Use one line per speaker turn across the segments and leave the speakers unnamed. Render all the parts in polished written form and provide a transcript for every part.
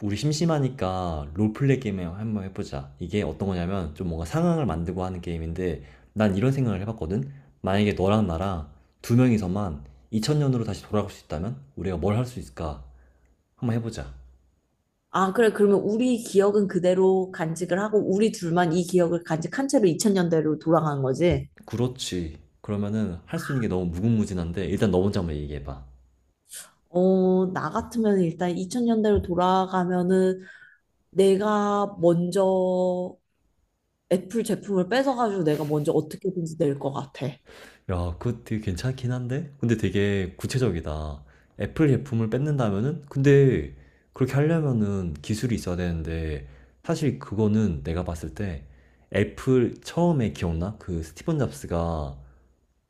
우리 심심하니까 롤플레이 게임 한번 해보자. 이게 어떤 거냐면 좀 뭔가 상황을 만들고 하는 게임인데 난 이런 생각을 해봤거든. 만약에 너랑 나랑 두 명이서만 2000년으로 다시 돌아갈 수 있다면 우리가 뭘 할 수 있을까? 한번 해보자.
아, 그래. 그러면 우리 기억은 그대로 간직을 하고, 우리 둘만 이 기억을 간직한 채로 2000년대로 돌아간 거지?
그렇지. 그러면은 할 수 있는 게 너무 무궁무진한데 일단 너 먼저 한번 얘기해봐.
나 같으면 일단 2000년대로 돌아가면은 내가 먼저 애플 제품을 뺏어가지고 내가 먼저 어떻게든지 낼 것 같아.
야, 그거 되게 괜찮긴 한데? 근데 되게 구체적이다. 애플 제품을 뺏는다면은? 근데 그렇게 하려면은 기술이 있어야 되는데, 사실 그거는 내가 봤을 때 애플 처음에 기억나? 그 스티븐 잡스가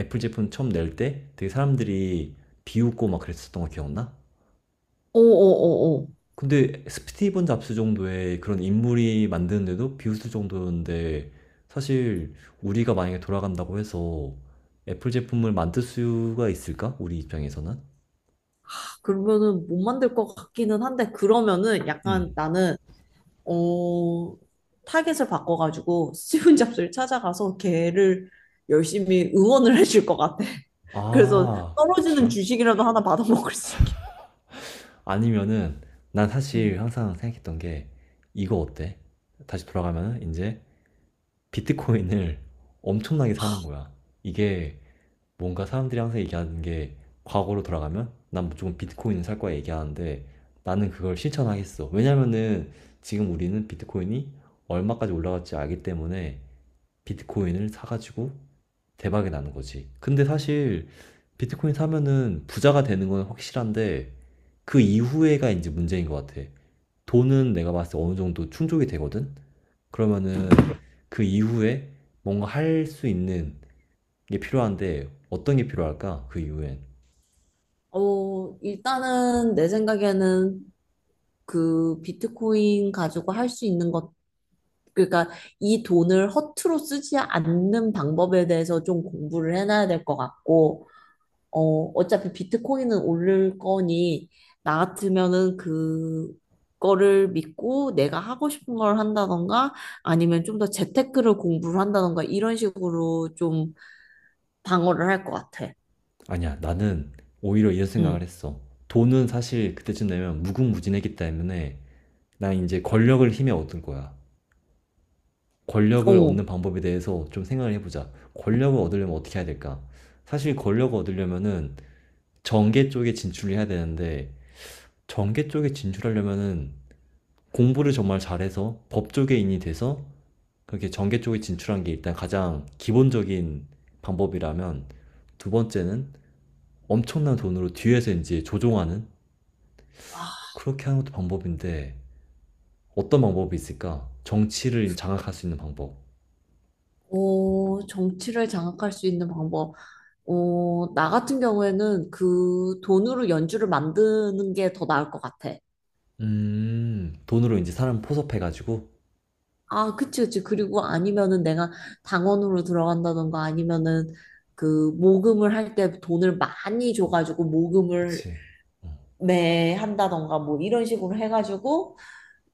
애플 제품 처음 낼 때 되게 사람들이 비웃고 막 그랬었던 거 기억나?
어어어어.
근데 스티븐 잡스 정도의 그런 인물이 만드는데도 비웃을 정도였는데 사실 우리가 만약에 돌아간다고 해서 애플 제품을 만들 수가 있을까? 우리 입장에서는?
그러면은 못 만들 것 같기는 한데, 그러면은
음.
약간 나는 어, 타겟을 바꿔가지고 스티븐 잡스를 찾아가서 걔를 열심히 응원을 해줄 것 같아. 그래서
아,
떨어지는
그치.
주식이라도 하나 받아먹을 수 있게.
아니면은 난 사실
음.
항상 생각했던 게 이거 어때? 다시 돌아가면은 이제 비트코인을 엄청나게 사는 거야. 이게 뭔가 사람들이 항상 얘기하는 게 과거로 돌아가면 난 무조건 비트코인을 살 거야 얘기하는데 나는 그걸 실천하겠어. 왜냐면은 지금 우리는 비트코인이 얼마까지 올라갈지 알기 때문에 비트코인을 사가지고 대박이 나는 거지. 근데 사실 비트코인 사면은 부자가 되는 건 확실한데 그 이후에가 이제 문제인 것 같아. 돈은 내가 봤을 때 어느 정도 충족이 되거든? 그러면은 그 이후에 뭔가 할 수 있는 게 필요한데 어떤 게 필요할까? 그 이후엔
일단은 내 생각에는 그 비트코인 가지고 할 수 있는 것, 그러니까 이 돈을 허투루 쓰지 않는 방법에 대해서 좀 공부를 해놔야 될 것 같고, 어차피 비트코인은 오를 거니, 나 같으면은 그거를 믿고 내가 하고 싶은 걸 한다던가, 아니면 좀 더 재테크를 공부를 한다던가, 이런 식으로 좀 방어를 할 것 같아.
아니야 나는 오히려 이런 생각을
응.
했어. 돈은 사실 그때쯤 되면 무궁무진했기 때문에 난 이제 권력을 힘에 얻을 거야. 권력을
어,
얻는 방법에 대해서 좀 생각을 해보자. 권력을 얻으려면 어떻게 해야 될까? 사실 권력을 얻으려면은 정계 쪽에 진출을 해야 되는데 정계 쪽에 진출하려면은 공부를 정말 잘해서 법쪽계 인이 돼서 그렇게 정계 쪽에 진출한 게 일단 가장 기본적인 방법이라면 두 번째는 엄청난 돈으로 뒤에서 이제 조종하는 그렇게 하는 것도 방법인데 어떤 방법이 있을까? 정치를 장악할 수 있는 방법.
정치를 장악할 수 있는 방법. 나 같은 경우에는 그 돈으로 연주를 만드는 게 더 나을 것 같아.
돈으로 이제 사람 포섭해가지고.
아, 그치, 그치. 그리고 아니면은 내가 당원으로 들어간다던가 아니면은 그 모금을 할 때 돈을 많이 줘가지고 모금을
그치. 어,
매 한다던가 뭐 이런 식으로 해가지고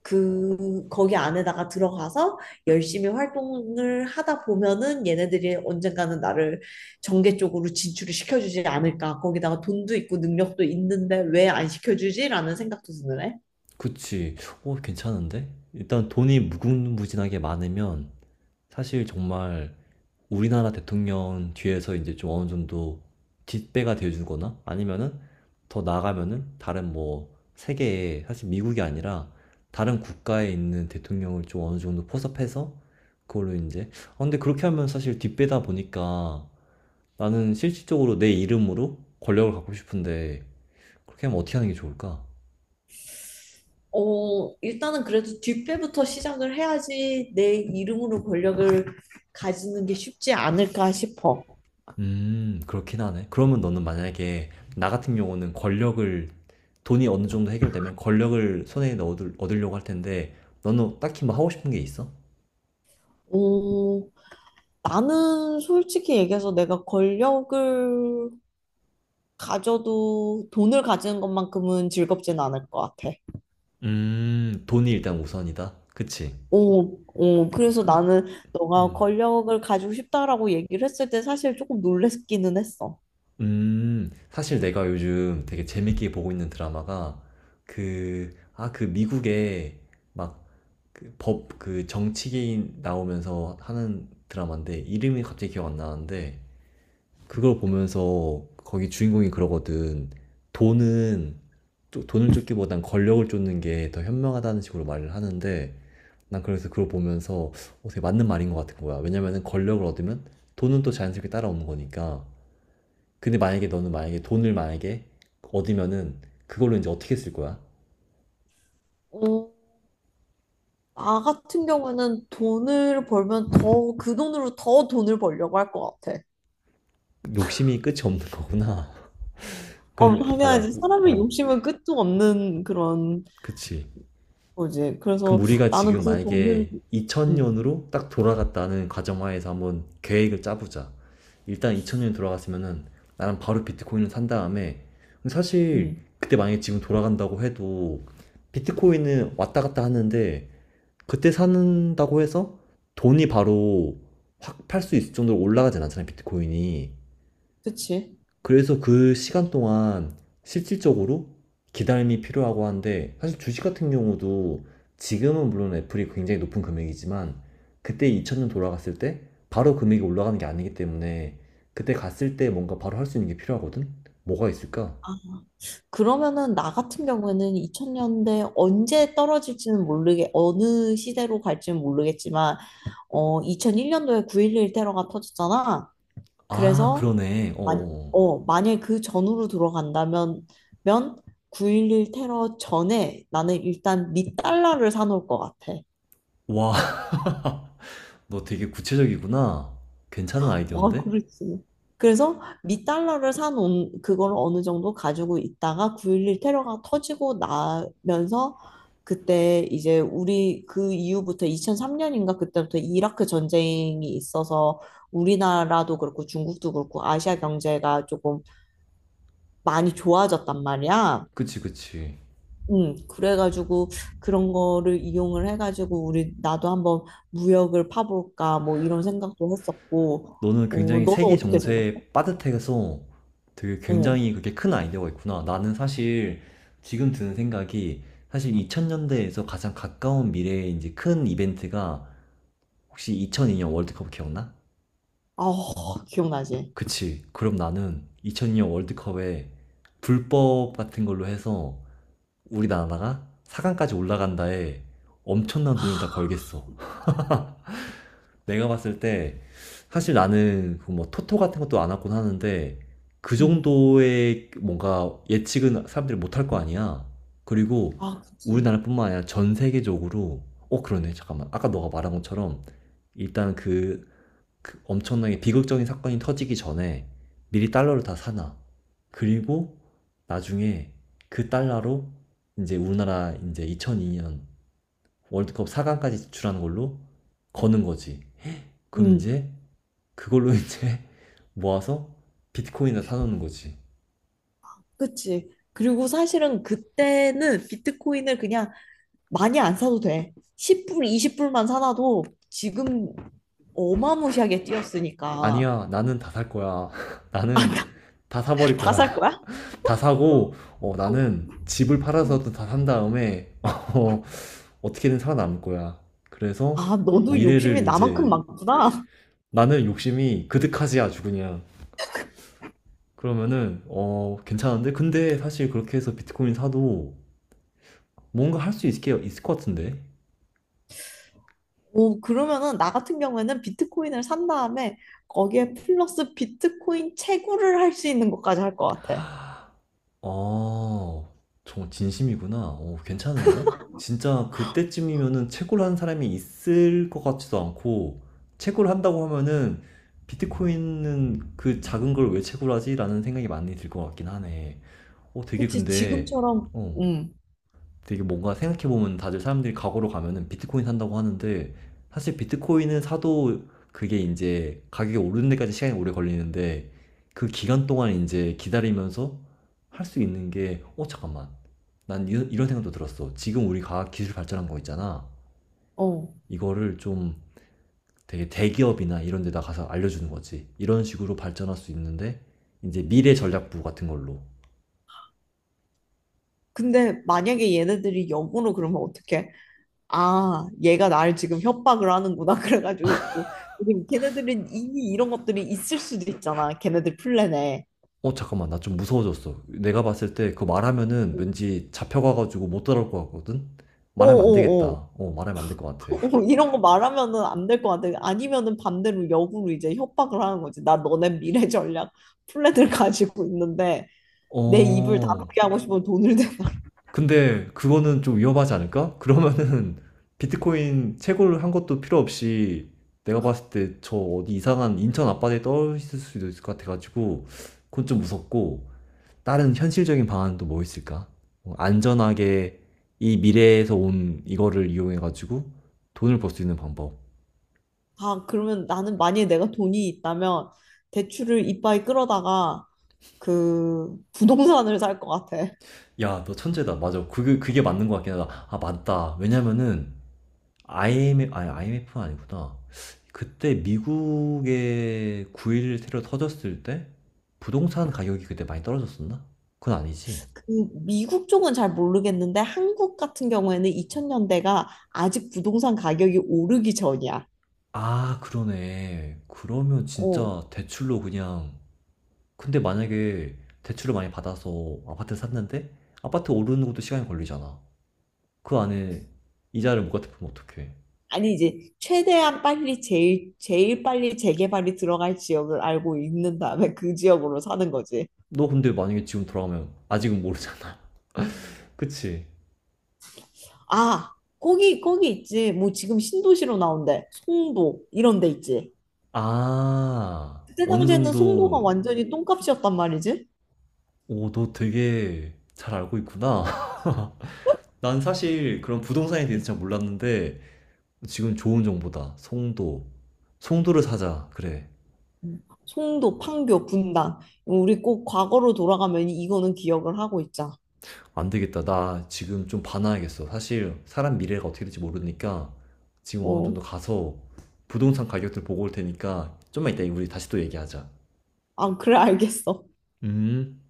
그, 거기 안에다가 들어가서 열심히 활동을 하다 보면은 얘네들이 언젠가는 나를 정계 쪽으로 진출을 시켜주지 않을까. 거기다가 돈도 있고 능력도 있는데 왜 안 시켜주지? 라는 생각도 드네.
그치. 오, 괜찮은데? 일단 돈이 무궁무진하게 많으면 사실 정말 우리나라 대통령 뒤에서 이제 좀 어느 정도 뒷배가 돼주거나 아니면은 더 나아가면은 다른 뭐 세계에 사실 미국이 아니라 다른 국가에 있는 대통령을 좀 어느 정도 포섭해서 그걸로 이제 아, 근데 그렇게 하면 사실 뒷배다 보니까 나는 실질적으로 내 이름으로 권력을 갖고 싶은데 그렇게 하면 어떻게 하는 게 좋을까?
일단은 그래도 뒷배부터 시작을 해야지 내 이름으로 권력을 가지는 게 쉽지 않을까 싶어.
그렇긴 하네. 그러면 너는 만약에 나 같은 경우는 권력을 돈이 어느 정도 해결되면 권력을 손에 넣어 얻으려고 할 텐데 너는 딱히 뭐 하고 싶은 게 있어?
어, 나는 솔직히 얘기해서 내가 권력을 가져도 돈을 가지는 것만큼은 즐겁진 않을 것 같아.
돈이 일단 우선이다. 그치?
오, 오, 그래서 나는 너가
음.
권력을 가지고 싶다라고 얘기를 했을 때 사실 조금 놀랬기는 했어.
사실 내가 요즘 되게 재밌게 보고 있는 드라마가 그, 아, 그 미국의 막 그 법, 그 정치계인 나오면서 하는 드라마인데 이름이 갑자기 기억 안 나는데 그걸 보면서 거기 주인공이 그러거든. 돈은 돈을 쫓기보단 권력을 쫓는 게 더 현명하다는 식으로 말을 하는데 난 그래서 그걸 보면서 어, 되게 맞는 말인 것 같은 거야. 왜냐면은 권력을 얻으면 돈은 또 자연스럽게 따라오는 거니까. 근데 만약에 너는 만약에 돈을 만약에 얻으면은 그걸로 이제 어떻게 쓸 거야?
어, 나 같은 경우에는 돈을 벌면 더, 그 돈으로 더 돈을 벌려고 할 것 같아.
욕심이 끝이 없는 거구나. 그럼
하면
받아.
사람의
어,
욕심은 끝도 없는 그런
그치.
거지.
그럼
그래서
우리가
나는
지금
그 돈을,
만약에
음,
2000년으로 딱 돌아갔다는 가정하에서 한번 계획을 짜보자. 일단 2000년 돌아갔으면은 나는 바로 비트코인을 산 다음에 사실
음,
그때 만약에 지금 돌아간다고 해도 비트코인은 왔다 갔다 하는데 그때 산다고 해서 돈이 바로 확 팔 수 있을 정도로 올라가진 않잖아요, 비트코인이.
그치.
그래서 그 시간 동안 실질적으로 기다림이 필요하고 한데 사실 주식 같은 경우도 지금은 물론 애플이 굉장히 높은 금액이지만 그때 2000년 돌아갔을 때 바로 금액이 올라가는 게 아니기 때문에 그때 갔을 때 뭔가 바로 할 수 있는 게 필요하거든? 뭐가 있을까?
그러면은 나 같은 경우에는 2000년대 언제 떨어질지는 모르게, 어느 시대로 갈지는 모르겠지만, 2001년도에 9.11 테러가 터졌잖아.
아,
그래서,
그러네. 어.
만약 그 전후로 들어간다면, 면9.11 테러 전에 나는 일단 미 달러를 사놓을 것 같아.
와, 너 되게 구체적이구나. 괜찮은
아,
아이디어인데?
그렇지. 그래서 미달러를 사놓은 그걸 어느 정도 가지고 있다가 9.11 테러가 터지고 나면서 그때 이제 우리 그 이후부터 2003년인가 그때부터 이라크 전쟁이 있어서 우리나라도 그렇고 중국도 그렇고 아시아 경제가 조금 많이 좋아졌단 말이야.
그치, 그치.
그래가지고 그런 거를 이용을 해가지고 우리 나도 한번 무역을 파볼까 뭐 이런 생각도 했었고,
너는 굉장히
너는
세계
어떻게 생각해?
정세에 빠듯해서 되게
어.
굉장히 그게 렇큰 아이디어가 있구나. 나는 사실 지금 드는 생각이 사실 2000년대에서 가장 가까운 미래에 이제 큰 이벤트가 혹시 2002년 월드컵 기억나?
아, 어, 기억나지?
그치. 그럼 나는 2002년 월드컵에 불법 같은 걸로 해서 우리나라가 4강까지 올라간다에 엄청난 돈을 다 걸겠어. 내가 봤을 때 사실 나는 그뭐 토토 같은 것도 안 하곤 하는데 그
음.
정도의 뭔가 예측은 사람들이 못 할 거 아니야. 그리고
아, 그치.
우리나라뿐만 아니라 전 세계적으로 어 그러네 잠깐만 아까 너가 말한 것처럼 일단 그, 그 엄청나게 비극적인 사건이 터지기 전에 미리 달러를 다 사놔. 그리고 나중에 그 달러로 이제 우리나라 이제 2002년 월드컵 4강까지 진출하는 걸로 거는 거지. 그럼
음,
이제 그걸로 이제 모아서 비트코인을 사놓는 거지.
그치. 그리고 사실은 그때는 비트코인을 그냥 많이 안 사도 돼. 10불, 20불만 사놔도 지금 어마무시하게 뛰었으니까.
아니야, 나는 다 살 거야. 나는 다 사버릴
다 살
거야.
거야?
다 사고, 어, 나는 집을 팔아서도 다 산 다음에, 어, 어떻게든 살아남을 거야. 그래서
아, 너도 욕심이
미래를
나만큼
이제,
많구나.
나는 욕심이 그득하지 아주 그냥. 그러면은, 어, 괜찮은데? 근데 사실 그렇게 해서 비트코인 사도 뭔가 할 수 있게 있을 것 같은데?
그러면은 나 같은 경우에는 비트코인을 산 다음에 거기에 플러스 비트코인 채굴을 할 수 있는 것까지 할 것 같아.
어. 정말 진심이구나. 오, 괜찮은데? 진짜 그때쯤이면은 채굴 하는 사람이 있을 것 같지도 않고 채굴 한다고 하면은 비트코인은 그 작은 걸 왜 채굴하지? 라는 생각이 많이 들 것 같긴 하네. 어 되게
그치,
근데
지금처럼,
어
음,
되게 뭔가 생각해보면 다들 사람들이 과거로 가면은 비트코인 산다고 하는데 사실 비트코인은 사도 그게 이제 가격이 오르는 데까지 시간이 오래 걸리는데 그 기간 동안 이제 기다리면서 할 수 있는 게 어 잠깐만 난 이런 생각도 들었어 지금 우리 과학 기술 발전한 거 있잖아
어.
이거를 좀 되게 대기업이나 이런 데다 가서 알려주는 거지 이런 식으로 발전할 수 있는데 이제 미래 전략부 같은 걸로
근데 만약에 얘네들이 역으로 그러면 어떡해? 아, 얘가 나를 지금 협박을 하는구나. 그래가지고, 지금 걔네들은 이미 이런 것들이 있을 수도 있잖아. 걔네들 플랜에.
어, 잠깐만, 나 좀 무서워졌어. 내가 봤을 때 그거 말하면은 왠지 잡혀가가지고 못 따라올 것 같거든? 말하면 안
어어어.
되겠다. 어, 말하면 안 될 것 같아.
이런 거 말하면은 안 될 것 같아. 아니면은 반대로 역으로 이제 협박을 하는 거지. 나 너네 미래 전략 플랜을 가지고 있는데, 내 입을
어,
다물게 하고 싶으면 돈을 대라.
근데 그거는 좀 위험하지 않을까? 그러면은 비트코인 채굴 한 것도 필요 없이 내가 봤을 때 저 어디 이상한 인천 앞바다에 떠 있을 수도 있을 것 같아가지고 그건 좀 무섭고 다른 현실적인 방안은 또 뭐 있을까? 어, 안전하게 이 미래에서 온 이거를 이용해가지고 돈을 벌 수 있는 방법.
아, 그러면 나는 만약에 내가 돈이 있다면, 대출을 이빠이 끌어다가, 그 부동산을 살 것 같아.
야, 너 천재다. 맞아. 그게, 그게 맞는 것 같긴 하다. 아, 맞다. 왜냐면은, IMF, 아니, IMF가 아니구나. 그때 미국의 9일1 테러 터졌을 때, 부동산 가격이 그때 많이 떨어졌었나? 그건 아니지.
그 미국 쪽은 잘 모르겠는데 한국 같은 경우에는 2000년대가 아직 부동산 가격이 오르기 전이야.
아, 그러네. 그러면
어.
진짜 대출로 그냥, 근데 만약에 대출을 많이 받아서 아파트 샀는데, 아파트 오르는 것도 시간이 걸리잖아. 그 안에 이자를 못 갚으면 어떡해.
아니 이제 최대한 빨리 제일 제일 빨리 재개발이 들어갈 지역을 알고 있는 다음에 그 지역으로 사는 거지.
너 근데 만약에 지금 돌아가면 아직은 모르잖아. 그치?
아, 거기 거기 있지. 뭐 지금 신도시로 나온대. 송도 이런 데 있지.
아,
그때
어느
당시에는 송도가
정도,
완전히 똥값이었단 말이지.
오, 너 되게 잘 알고 있구나. 난 사실 그런 부동산에 대해서 잘 몰랐는데, 지금 좋은 정보다. 송도. 송도를 사자. 그래.
송도, 판교, 분당. 우리 꼭 과거로 돌아가면 이거는 기억을 하고 있자.
안 되겠다. 나 지금 좀 봐놔야겠어. 사실 사람 미래가 어떻게 될지 모르니까, 지금 어느 정도
어.
가서 부동산 가격들 보고 올 테니까, 좀만 이따 우리 다시 또 얘기하자.
아, 그래, 알겠어.
음.